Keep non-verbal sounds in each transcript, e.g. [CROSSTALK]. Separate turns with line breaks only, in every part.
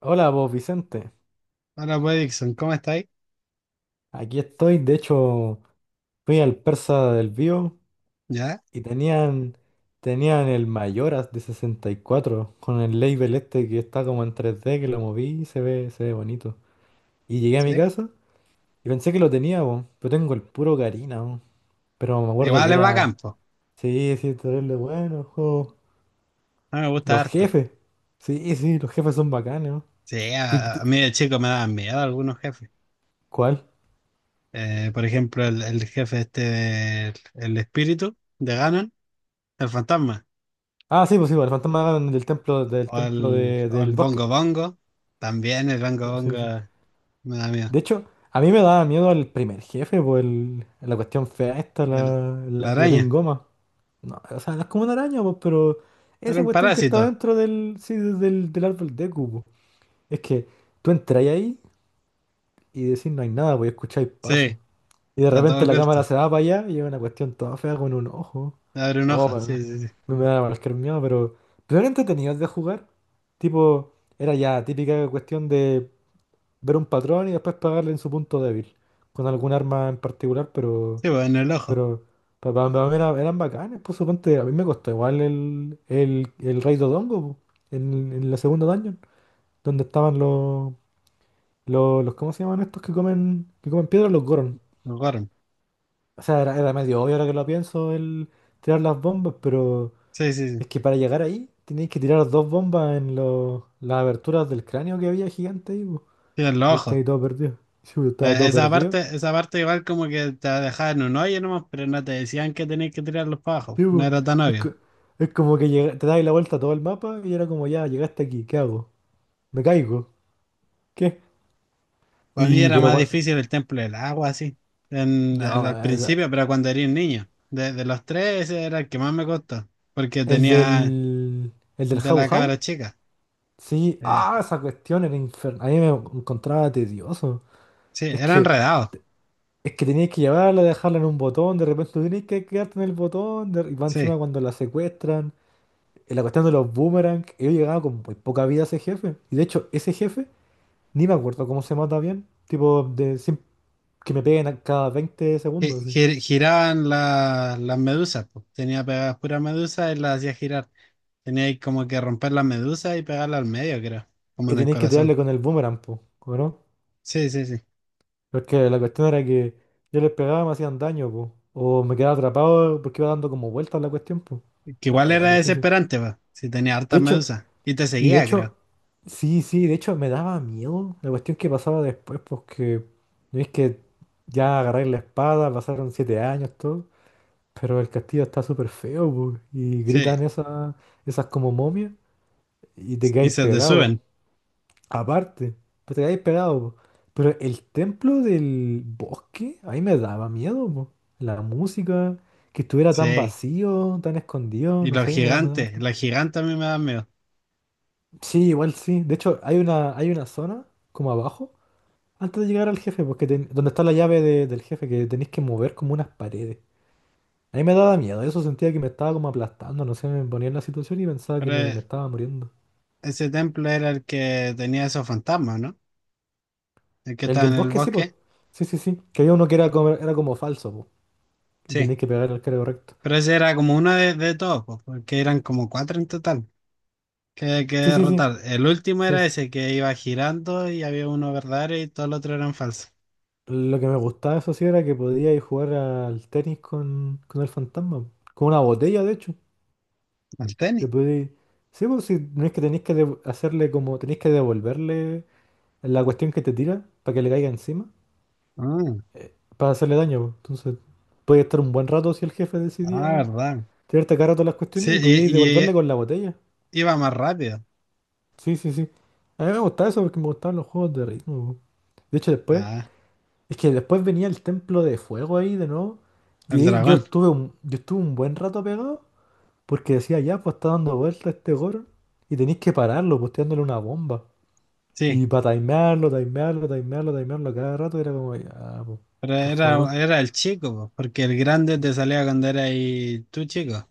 Hola vos, Vicente.
Hola, pues, Dixon, ¿cómo estáis?
Aquí estoy. De hecho, fui al Persa del Bío
¿Ya?
y tenían el Mayoras de 64 con el label este que está como en 3D que lo moví y se ve bonito. Y llegué a mi
¿Sí?
casa y pensé que lo tenía, vos, pero tengo el puro Karina, vos. Pero me acuerdo que
Igual es bacán,
era,
po.
sí, sí, terrible bueno, el juego.
A mí me gusta
Los
harto.
jefes. Sí, sí, los jefes son bacanes, vos.
Sí,
¿Qué-
a
qué-
mí de chico me daban miedo algunos jefes.
¿Cuál?
Por ejemplo, el jefe este del el espíritu de Ganon, el fantasma.
Ah, sí, pues, el fantasma del templo,
O el
del bosque.
Bongo Bongo. También el Bongo
Sí, sí, sí.
Bongo me da miedo.
De hecho, a mí me daba miedo el primer jefe, por la cuestión fea esta,
El- la
la Queen
araña.
Goma. No, o sea, no es como una araña, pues, pero
Era
esa
un
cuestión que
parásito.
está dentro del árbol de cubo. Es que tú entras ahí y decís no hay nada, pues escucháis pasos.
Sí,
Y de
está todo
repente la cámara
oculto.
se va para allá y es una cuestión toda fea con un ojo.
Abre un
Oh,
ojo.
pa-
Sí, sí, sí.
me da cualquier miedo, pero eran entretenidos de jugar. Tipo, era ya típica cuestión de ver un patrón y después pegarle en su punto débil, con algún arma en particular,
Sí, pues en el ojo.
pero para mí eran bacanes, pues suponte, a mí me costó igual el Rey Dodongo, po, en la segunda dungeon, donde estaban los- ¿cómo se llaman estos que que comen piedra? Los Goron.
Me acuerdo.
O sea, era, era medio obvio ahora que lo pienso el tirar las bombas, pero
Sí, sí, sí.
es que para llegar ahí tenéis que tirar dos bombas en los, las aberturas del cráneo que había gigante ahí, po,
Sí, en
y
los
yo
ojos.
estaba ahí todo perdido. [LAUGHS] Sí, yo estaba todo perdido.
Esa parte igual como que te dejaban en un hoyo nomás, pero no te decían que tenías que tirarlos para abajo.
Sí,
No
po.
era tan
es,
obvio.
co- es como que te das la vuelta a todo el mapa y era como, ya, llegaste aquí, ¿qué hago? ¿Me caigo? ¿Qué?
Para mí
Y,
era
pero,
más
cua-
difícil el templo del agua, así. En- al,
no,
al
esa-
principio, pero cuando era un niño. De los tres, ese era el que más me costó. Porque
El
tenía
del, el
el
del
de
Jabu
la
Jabu,
cabra chica.
sí,
Eh,
ah, esa cuestión era infernal, a mí me encontraba tedioso.
sí,
Es
era
que,
enredado.
es que tenías que llevarla, dejarla en un botón, de repente tenías que quedarte en el botón, y va
Sí.
encima cuando la secuestran, en la cuestión de los boomerang, yo llegaba con muy poca vida a ese jefe, y de hecho, ese jefe, ni me acuerdo cómo se mata bien, tipo, de, que me peguen a cada 20 segundos,
Gi-
así.
gir- giraban la- las medusas, po. Tenía pegadas puras medusas y las hacía girar. Tenía ahí como que romper la medusa y pegarla al medio, creo. Como
Y
en el
tenéis que
corazón.
tirarle con el boomerang, po, ¿o no?
Sí, sí, sí.
Porque la cuestión era que yo les pegaba y me hacían daño, po. O me quedaba atrapado porque iba dando como vueltas la cuestión, po.
Que igual
Era
era
difícil.
desesperante, va. Si tenía harta
De hecho,
medusa. Y te
y de
seguía,
hecho,
creo.
sí, sí, de hecho me daba miedo la cuestión que pasaba después, porque no es que ya agarré la espada, pasaron 7 años, todo, pero el castillo está súper feo, po, y
Sí.
gritan esas como momias y te
Y
quedáis
se te
pegado.
suben.
Aparte, pues te quedáis pegado, po. Pero el templo del bosque, ahí me daba miedo, po. La música, que estuviera tan
Sí.
vacío, tan escondido,
Y
no
los
sé, me daba
gigantes.
harto.
Los gigantes a mí me dan miedo.
Sí, igual sí. De hecho, hay una zona, como abajo, antes de llegar al jefe, porque donde está la llave del jefe, que tenéis que mover como unas paredes. A mí me daba miedo, eso sentía que me estaba como aplastando, no sé, me ponía en la situación y pensaba que
Pero
me estaba muriendo.
ese templo era el que tenía esos fantasmas, ¿no? El que
El
estaba
del
en el
bosque sí, pues.
bosque.
Sí, sí, sí. Que había uno que era como falso, pues. Y
Sí.
tenéis que pegar al cara correcto.
Pero ese era como uno de todos, po, porque eran como cuatro en total que
Sí, sí, sí,
derrotar. El último
sí,
era
sí.
ese que iba girando y había uno verdadero y todos los otros eran falsos.
Lo que me gustaba, eso sí, era que podía ir a jugar al tenis con el fantasma. Con una botella, de hecho.
El tenis.
Te podía ir- Sí, pues sí, no es que tenéis que hacerle como... Tenéis que devolverle la cuestión que te tira para que le caiga encima.
Ah,
Para hacerle daño, pues. Entonces, podía estar un buen rato si el jefe
ah,
decidía
verdad.
tirarte cada rato las
Sí,
cuestiones y
y,
podíais
y
devolverle con la botella.
iba más rápido.
Sí, sí, sí. A mí me gustaba eso porque me gustaban los juegos de ritmo, pues. De hecho, después...
Ah.
Es que después venía el templo de fuego ahí de nuevo. Y
El
ahí
dragón,
yo estuve un buen rato pegado porque decía, ya, pues está dando vuelta este Goron. Y tenéis que pararlo, posteándole una bomba.
sí.
Y para timearlo, timearlo, timearlo, timearlo cada rato era como, ya, po,
Pero
por
era,
favor.
era el chico, po, porque el grande te salía cuando era ahí tú chico.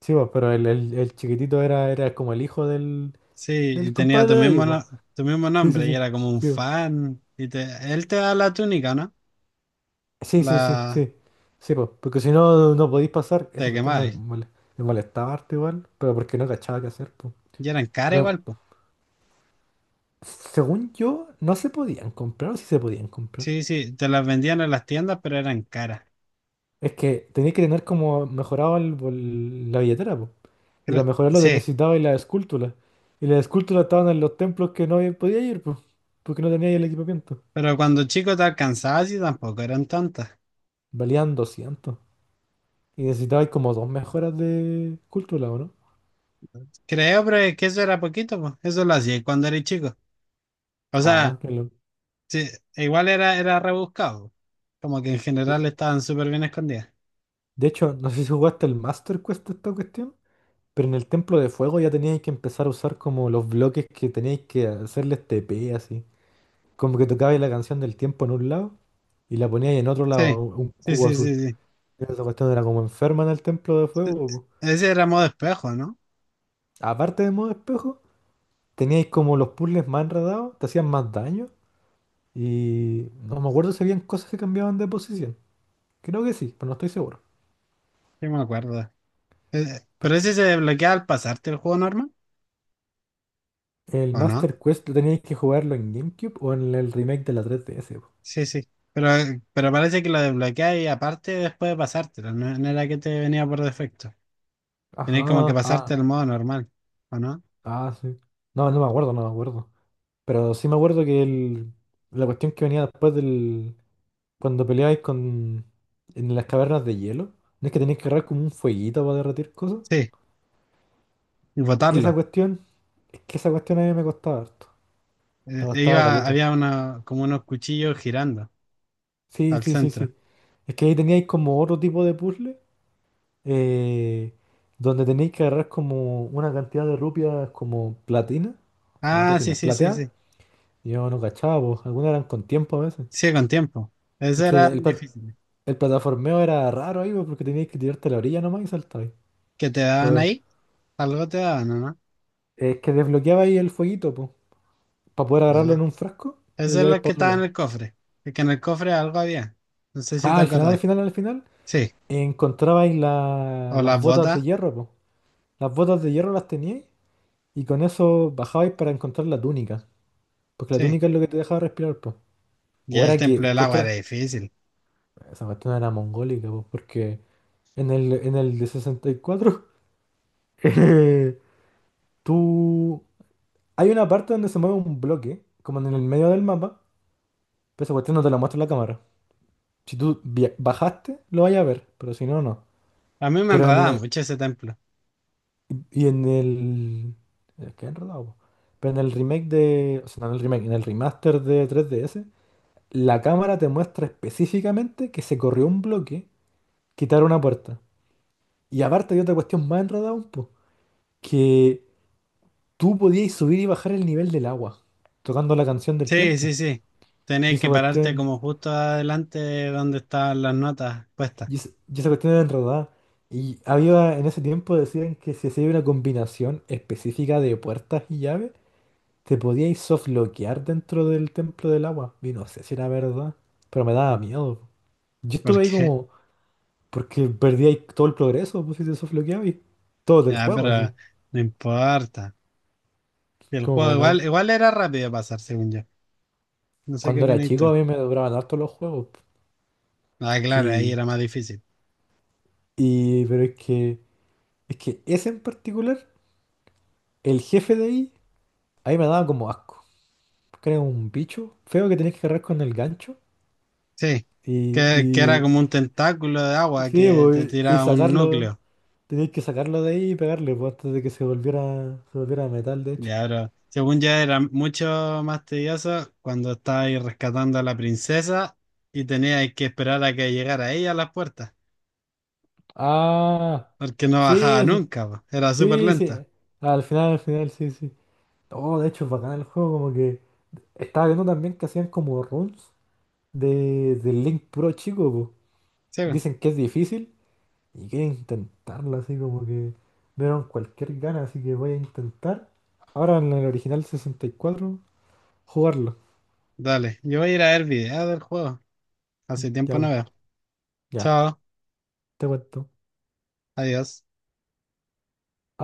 Sí, po, pero el chiquitito era, era como el hijo del,
Sí, y
del
tenía
compadre
tu
de ellos,
mismo,
po.
no- tu mismo
Sí, sí,
nombre y
sí.
era como un
Sí, po.
fan. Y te, él te da la túnica, ¿no?
Sí, sí, sí,
La
sí. Sí, po, porque si no, no podéis pasar. Esa
te
cuestión
quemabas.
me molestaba harto igual, pero porque no cachaba qué hacer, po.
Y eran caras
Pero
igual, pues.
según yo, no se podían comprar o sí se podían comprar.
Sí, sí, te las vendían en las tiendas, pero eran caras.
Es que tenías que tener como mejorado la billetera, po. Y para
Creo-
mejorarlo te
sí,
necesitabas las esculturas. Y las esculturas estaban en los templos que no podía ir, pues, porque no tenía el equipamiento.
pero cuando chico te alcanzabas y tampoco eran tantas.
Valían 200. Y necesitabas como dos mejoras de escultura, ¿o no?
Creo, pero es que eso era poquito, pues. Eso lo hacía cuando eres chico. O
Ah,
sea,
qué lo...
sí, igual era, era rebuscado. Como que en
sí.
general estaban súper bien escondidas.
De hecho, no sé si jugaste el Master Quest de esta cuestión, pero en el Templo de Fuego ya teníais que empezar a usar como los bloques que teníais que hacerles TP, así. Como que tocabais la canción del tiempo en un lado y la poníais en otro
Sí,
lado, un
sí,
cubo
sí, sí,
azul.
sí.
Esa cuestión era como enferma en el templo de
E-
fuego, po.
ese era modo espejo, ¿no?
Aparte de modo espejo, teníais como los puzzles más enredados, te hacían más daño y no me acuerdo si habían cosas que cambiaban de posición. Creo que sí, pero no estoy seguro.
Sí, me acuerdo. Pero
Porque
ese se desbloquea al pasarte el juego normal,
el
¿o no?
Master Quest lo teníais que jugarlo en GameCube o en el remake de la 3DS, po.
Sí, sí. Pero parece que lo desbloquea y aparte después de pasártelo, no, no era que te venía por defecto.
Ajá,
Tenías como que pasarte el modo normal, ¿o no?
sí. No, no me acuerdo, no me acuerdo. Pero sí me acuerdo que la cuestión que venía después. Cuando peleáis con... en las cavernas de hielo, no es que tenéis que agarrar como un fueguito para derretir cosas.
Sí, y
Esa
botarlo.
cuestión, es que esa cuestión a mí me costaba harto. Me costaba
Iba,
caleta.
había una, como unos cuchillos girando
Sí,
al
sí, sí,
centro.
sí. Es que ahí teníais como otro tipo de puzzle, eh, donde tenéis que agarrar como una cantidad de rupias como platina. O sea, no
Ah, sí,
platinas,
sí, sí,
plateadas.
sí.
Yo no cachaba, pues. Algunas eran con tiempo a veces.
Sí, con tiempo.
Es
Eso
que
era
el, pla-
difícil.
el plataformeo era raro ahí, pues, porque teníais que tirarte a la orilla nomás y saltar.
¿Qué te daban ahí? Algo te daban, ¿o
Es que desbloqueabais el fueguito, pues, para poder
¿no?
agarrarlo en
Ah,
un frasco y lo
eso es
lleváis
lo
para
que
otro
estaba en
lado.
el cofre. Es que en el cofre algo había. No sé si
Ah,
te acordás.
al final,
Sí.
encontrabais
O
las
las
botas de
botas.
hierro, po. Las botas de hierro las teníais y con eso bajabais para encontrar la túnica. Porque la
Sí.
túnica es lo que te dejaba respirar, po.
Y
O
el
era que
templo del agua era
encontrar...
difícil.
Esa cuestión era mongólica, po, porque en el de 64, [LAUGHS] eh, tú... Hay una parte donde se mueve un bloque, como en el medio del mapa, pero esa cuestión no te la muestra la cámara. Si tú bajaste, lo vayas a ver, pero si no, no.
A mí me
Pero en
enredaba
el,
mucho ese templo.
y en el... qué enredado, po. Pero en el remake de... O sea, no en el remake, en el remaster de tres D S la cámara te muestra específicamente que se corrió un bloque, quitar una puerta. Y aparte hay otra cuestión más enredada un po, que tú podías subir y bajar el nivel del agua, tocando la canción del
Sí,
tiempo.
sí, sí.
Y
Tenías
esa
que pararte
cuestión...
como justo adelante de donde estaban las notas puestas.
y esa cuestión era enredada. Y había, en ese tiempo decían que si hacía una combinación específica de puertas y llaves, te podíais softloquear dentro del templo del agua. Y no sé si era verdad, pero me daba miedo. Yo
¿Por
estuve ahí
qué? [LAUGHS]
como, porque perdíais todo el progreso, pues si te softloqueabais. Todo del
Ya,
juego, así.
pero no importa. El
Como
juego
que no.
igual, igual era rápido de pasar, según yo. No sé qué
Cuando era
opinas
chico a
tú.
mí me duraban harto los juegos.
Ah, claro, ahí
Y,
era más difícil.
pero es que ese en particular, el jefe de ahí, ahí me daba como asco, creo, un bicho feo que tenés que agarrar con el gancho
Sí,
y,
que era
y
como un tentáculo de agua
sí,
que te
pues, y
tiraba un
sacarlo,
núcleo.
tenés que sacarlo de ahí y pegarle, pues, antes de que se volviera metal, de hecho.
Ya, pero según ya era mucho más tedioso cuando estabais rescatando a la princesa y teníais que esperar a que llegara ella a las puertas,
Ah,
porque no bajaba
sí, sí,
nunca, po. Era súper
sí,
lenta.
sí. Al final, sí, sí. Oh, de hecho, es bacán el juego, como que estaba viendo también que hacían como runs de, del Link puro chico, pues.
Sí, bueno,
Dicen que es difícil. Y quería intentarlo, así como que me dieron cualquier gana, así que voy a intentar. Ahora en el original 64 jugarlo.
dale, yo voy a ir a ver videos del juego. Hace tiempo no
Ya,
veo.
ya,
Chao,
te cuento.
adiós.